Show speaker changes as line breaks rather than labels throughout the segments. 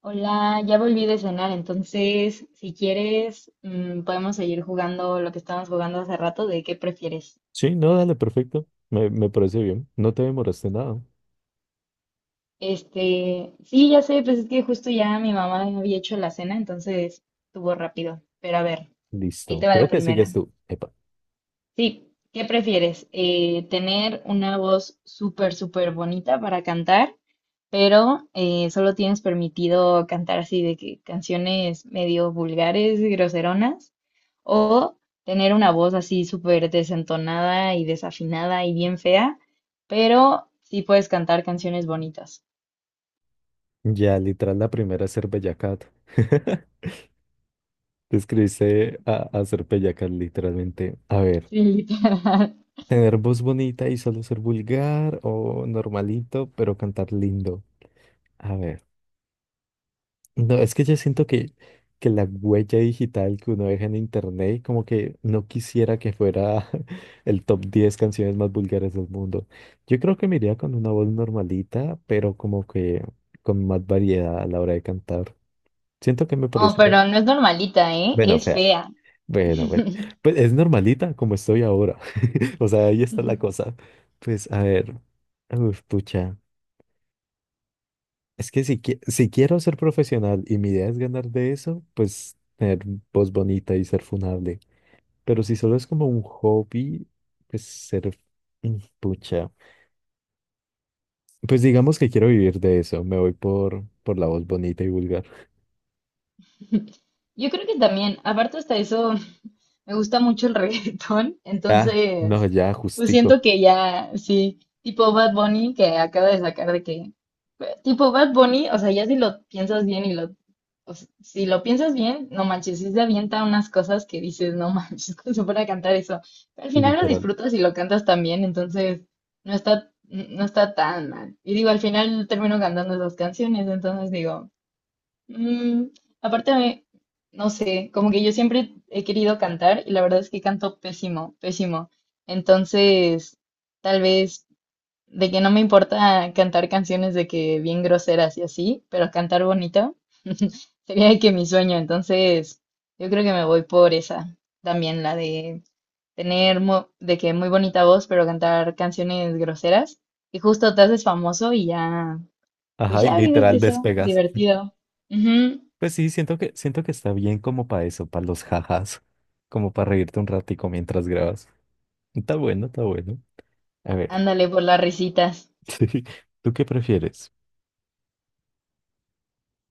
Hola, ya volví de cenar, entonces si quieres podemos seguir jugando lo que estábamos jugando hace rato de qué prefieres.
Sí, no, dale, perfecto. Me parece bien. No te demoraste nada.
Sí, ya sé, pues es que justo ya mi mamá había hecho la cena, entonces estuvo rápido. Pero a ver, ahí
Listo.
te va
Creo
la
que
primera.
sigues tú. Epa.
Sí, ¿qué prefieres? ¿Tener una voz súper, súper bonita para cantar, pero solo tienes permitido cantar así de que canciones medio vulgares y groseronas? ¿O tener una voz así súper desentonada y desafinada y bien fea, pero sí puedes cantar canciones bonitas?
Ya, literal, la primera es ser bellacat. Te escribiste a ser bellacat, literalmente. A ver,
Sí, literal.
tener voz bonita y solo ser vulgar o normalito, pero cantar lindo. A ver. No, es que yo siento que la huella digital que uno deja en internet, como que no quisiera que fuera el top 10 canciones más vulgares del mundo. Yo creo que me iría con una voz normalita, pero como que con más variedad a la hora de cantar. Siento que me
Oh,
parece,
pero no es normalita, ¿eh?
bueno,
Es
fea,
fea.
bueno, bueno. Pues es normalita como estoy ahora. O sea, ahí
Yo
está la cosa. Pues a ver, uf, pucha. Es que si, si quiero ser profesional y mi idea es ganar de eso, pues tener voz bonita y ser funable. Pero si solo es como un hobby, pues ser pucha. Pues digamos que quiero vivir de eso. Me voy por la voz bonita y vulgar.
creo que también, aparte hasta eso, me gusta mucho el reggaetón,
Ah, no,
entonces,
ya,
pues siento
justico.
que ya, sí, tipo Bad Bunny que acaba de sacar de que, tipo Bad Bunny, o sea, ya si lo piensas bien y lo, si lo piensas bien, no manches, sí se avienta unas cosas que dices, no manches, ¿cómo se puede cantar eso? Pero al final lo
Literal.
disfrutas y lo cantas también, entonces no está tan mal. Y digo, al final termino cantando esas canciones, entonces digo... Mm, aparte, a mí, no sé, como que yo siempre he querido cantar y la verdad es que canto pésimo, pésimo. Entonces, tal vez de que no me importa cantar canciones de que bien groseras y así, pero cantar bonito sería de que mi sueño. Entonces, yo creo que me voy por esa también, la de tener de que muy bonita voz, pero cantar canciones groseras. Y justo te haces famoso y ya, pues
Ajá, y
ya vives de
literal
eso,
despegas.
divertido. Ujú.
Pues sí, siento siento que está bien como para eso, para los jajas. Como para reírte un ratico mientras grabas. Está bueno, está bueno. A ver,
Ándale por las risitas.
¿tú qué prefieres?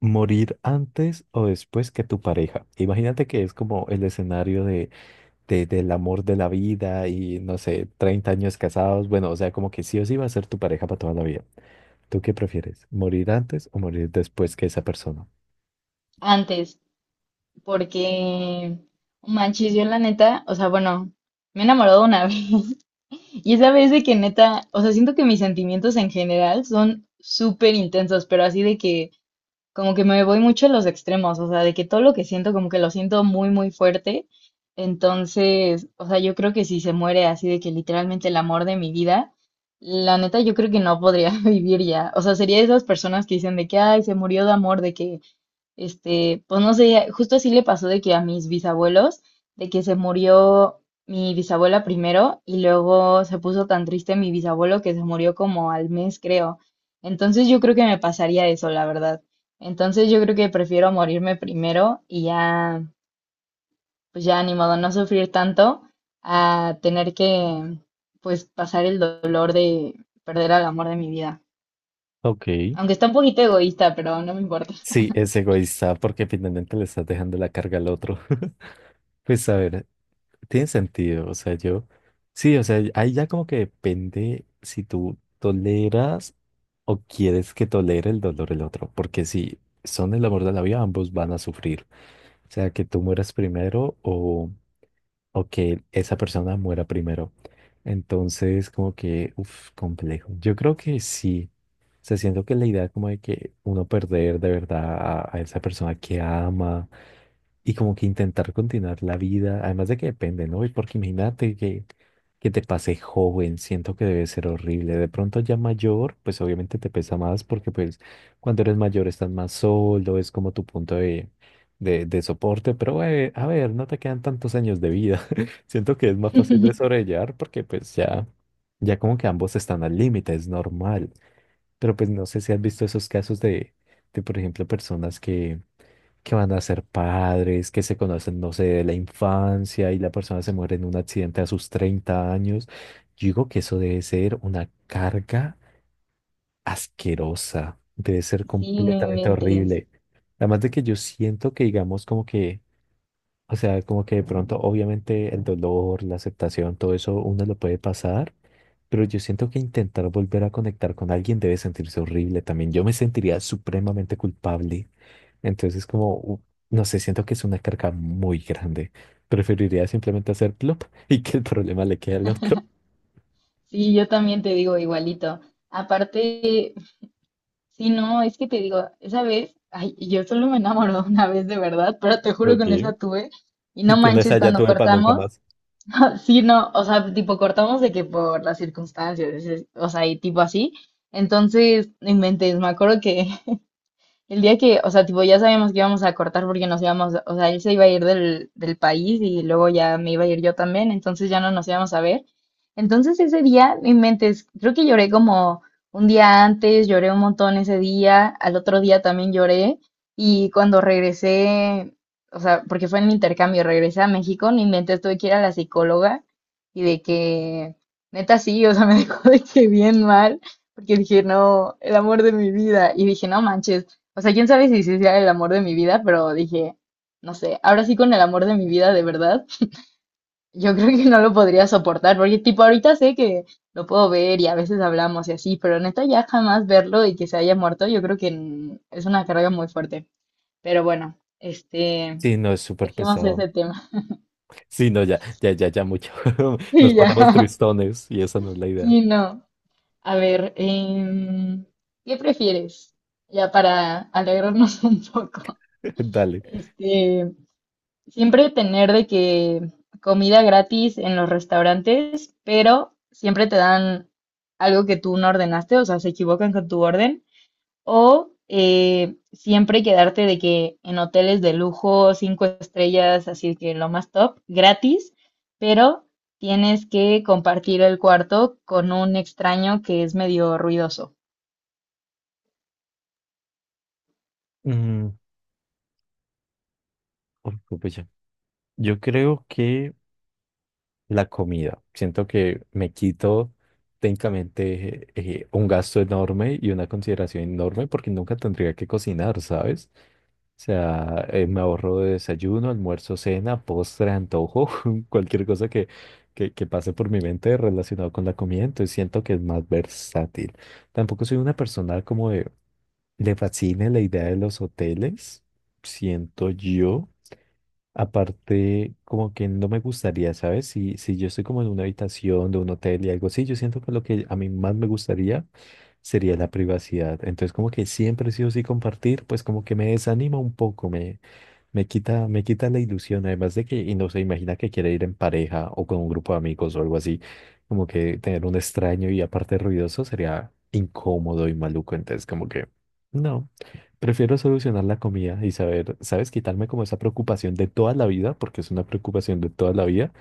Morir antes o después que tu pareja. Imagínate que es como el escenario de, del amor de la vida y no sé, 30 años casados. Bueno, o sea, como que sí o sí va a ser tu pareja para toda la vida. ¿Tú qué prefieres? ¿Morir antes o morir después que esa persona?
Antes, porque manches, yo la neta, o sea, bueno, me he enamorado una vez. Y esa vez de que neta, o sea, siento que mis sentimientos en general son súper intensos, pero así de que como que me voy mucho a los extremos, o sea, de que todo lo que siento como que lo siento muy, muy fuerte. Entonces, o sea, yo creo que si se muere así de que literalmente el amor de mi vida, la neta yo creo que no podría vivir ya. O sea, sería de esas personas que dicen de que, ay, se murió de amor, de que pues no sé, justo así le pasó de que a mis bisabuelos, de que se murió mi bisabuela primero y luego se puso tan triste mi bisabuelo que se murió como al mes, creo. Entonces yo creo que me pasaría eso, la verdad. Entonces yo creo que prefiero morirme primero y ya, pues ya ni modo, no sufrir tanto a tener que, pues, pasar el dolor de perder al amor de mi vida.
Ok.
Aunque está un poquito egoísta, pero no me importa.
Sí, es egoísta porque finalmente le estás dejando la carga al otro. Pues a ver, tiene sentido, o sea, yo, sí, o sea, ahí ya como que depende si tú toleras. ¿O quieres que tolere el dolor el otro? Porque si son el amor de la vida, ambos van a sufrir. O sea, que tú mueras primero o que esa persona muera primero. Entonces, como que, uff, complejo. Yo creo que sí. O sea, siento que la idea como de que uno perder de verdad a esa persona que ama y como que intentar continuar la vida, además de que depende, ¿no? Y porque imagínate que te pase joven, siento que debe ser horrible. De pronto ya mayor, pues obviamente te pesa más porque pues cuando eres mayor estás más solo, es como tu punto de, de soporte, pero a ver, no te quedan tantos años de vida. Siento que es más fácil de sobrellevar porque pues ya, ya como que ambos están al límite, es normal. Pero pues no sé si has visto esos casos de por ejemplo, personas que van a ser padres, que se conocen, no sé, de la infancia y la persona se muere en un accidente a sus 30 años. Yo digo que eso debe ser una carga asquerosa, debe ser
Sí, no
completamente
inventes.
horrible. Además de que yo siento que, digamos, como que o sea, como que de pronto, obviamente, el dolor, la aceptación, todo eso uno lo puede pasar, pero yo siento que intentar volver a conectar con alguien debe sentirse horrible también. Yo me sentiría supremamente culpable. Entonces, como, no sé, siento que es una carga muy grande. Preferiría simplemente hacer plop y que el problema le quede al otro.
Sí, yo también te digo igualito. Aparte, sí, no, es que te digo, esa vez, ay, yo solo me enamoré una vez de verdad, pero te juro que en
Okay.
esa tuve. Y no
Y con esa
manches,
ya
cuando
tuve para nunca
cortamos,
más.
sí, no, o sea, tipo cortamos de que por las circunstancias, o sea, y tipo así. Entonces, no inventes, me acuerdo que el día que, o sea, tipo, ya sabíamos que íbamos a cortar porque nos íbamos, o sea, él se iba a ir del país y luego ya me iba a ir yo también, entonces ya no nos íbamos a ver. Entonces ese día, mi inventes, creo que lloré como un día antes, lloré un montón ese día, al otro día también lloré y cuando regresé, o sea, porque fue en el intercambio, regresé a México, mi mente tuve que ir a la psicóloga y de que, neta sí, o sea, me dejó de que bien mal, porque dije, no, el amor de mi vida, y dije, no manches, o sea, quién sabe si sí sea el amor de mi vida, pero dije, no sé, ahora sí con el amor de mi vida de verdad, yo creo que no lo podría soportar, porque tipo ahorita sé que lo puedo ver y a veces hablamos y así, pero neta ya jamás verlo y que se haya muerto, yo creo que es una carga muy fuerte. Pero bueno,
Sí, no, es súper
dejemos
pesado.
ese tema.
Sí, no, ya, ya, ya, ya mucho. Nos
Y
ponemos
ya,
tristones y esa no es la idea.
sí, no. A ver, ¿qué prefieres? Ya para alegrarnos un poco.
Dale.
Este, Siempre tener de que comida gratis en los restaurantes, pero siempre te dan algo que tú no ordenaste, o sea, se equivocan con tu orden, o siempre quedarte de que en hoteles de lujo, cinco estrellas, así que lo más top, gratis, pero tienes que compartir el cuarto con un extraño que es medio ruidoso.
Mm. Uy, pupucha. Yo creo que la comida. Siento que me quito técnicamente un gasto enorme y una consideración enorme porque nunca tendría que cocinar, ¿sabes? O sea, me ahorro de desayuno, almuerzo, cena, postre, antojo, cualquier cosa que pase por mi mente relacionado con la comida, entonces siento que es más versátil. Tampoco soy una persona como de, le fascine la idea de los hoteles, siento yo. Aparte, como que no me gustaría, ¿sabes? Si yo estoy como en una habitación de un hotel y algo así, yo siento que lo que a mí más me gustaría sería la privacidad. Entonces, como que siempre sí o sí compartir, pues como que me desanima un poco, me, me quita la ilusión, además de que, y no se imagina que quiere ir en pareja o con un grupo de amigos o algo así, como que tener un extraño y aparte ruidoso sería incómodo y maluco, entonces como que, no, prefiero solucionar la comida y saber, ¿sabes? Quitarme como esa preocupación de toda la vida, porque es una preocupación de toda la vida,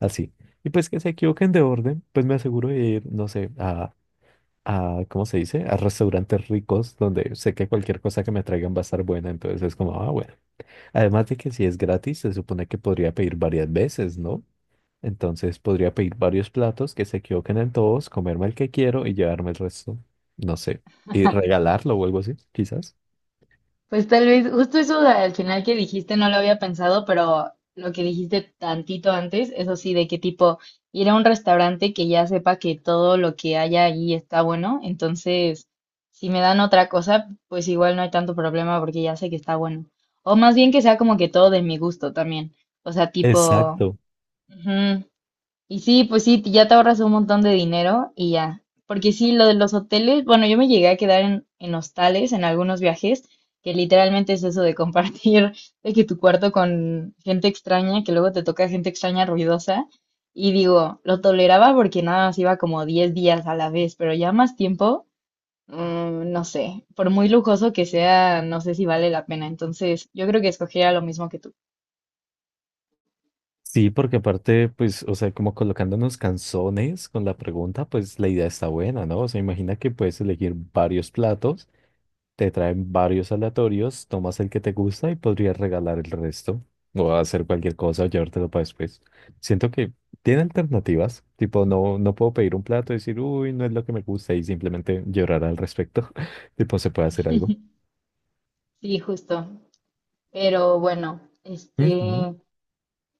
así. Y pues que se equivoquen de orden, pues me aseguro de ir, no sé, a, ¿cómo se dice? A restaurantes ricos donde sé que cualquier cosa que me traigan va a estar buena, entonces es como, ah, bueno. Además de que si es gratis, se supone que podría pedir varias veces, ¿no? Entonces podría pedir varios platos que se equivoquen en todos, comerme el que quiero y llevarme el resto, no sé, y regalarlo o algo así, quizás.
Pues tal vez, justo eso al final que dijiste no lo había pensado, pero lo que dijiste tantito antes, eso sí, de qué tipo ir a un restaurante que ya sepa que todo lo que haya allí está bueno, entonces si me dan otra cosa, pues igual no hay tanto problema porque ya sé que está bueno. O más bien que sea como que todo de mi gusto también. O sea, tipo,
Exacto.
ujú, y sí, pues sí, ya te ahorras un montón de dinero y ya. Porque sí, lo de los hoteles, bueno, yo me llegué a quedar en hostales en algunos viajes, que literalmente es eso de compartir, de que tu cuarto con gente extraña, que luego te toca gente extraña ruidosa. Y digo, lo toleraba porque nada más iba como 10 días a la vez, pero ya más tiempo, no sé, por muy lujoso que sea, no sé si vale la pena. Entonces, yo creo que escogería lo mismo que tú.
Sí, porque aparte, pues, o sea, como colocándonos canzones con la pregunta, pues la idea está buena, ¿no? O sea, imagina que puedes elegir varios platos. Te traen varios aleatorios, tomas el que te gusta y podrías regalar el resto o hacer cualquier cosa o llevártelo para después. Siento que tiene alternativas, tipo no, no puedo pedir un plato y decir, uy, no es lo que me gusta y simplemente llorar al respecto. Tipo, se puede hacer algo.
Sí, justo. Pero bueno,
Ujú.
este...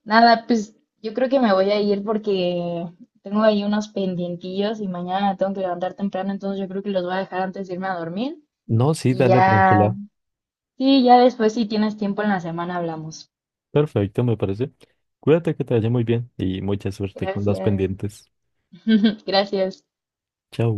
Nada, pues yo creo que me voy a ir porque tengo ahí unos pendientillos y mañana me tengo que levantar temprano, entonces yo creo que los voy a dejar antes de irme a dormir
No, sí,
y
dale
ya,
tranquila.
sí, ya después si tienes tiempo en la semana hablamos.
Perfecto, me parece. Cuídate que te vaya muy bien y mucha suerte con las
Gracias.
pendientes.
Gracias.
Chao.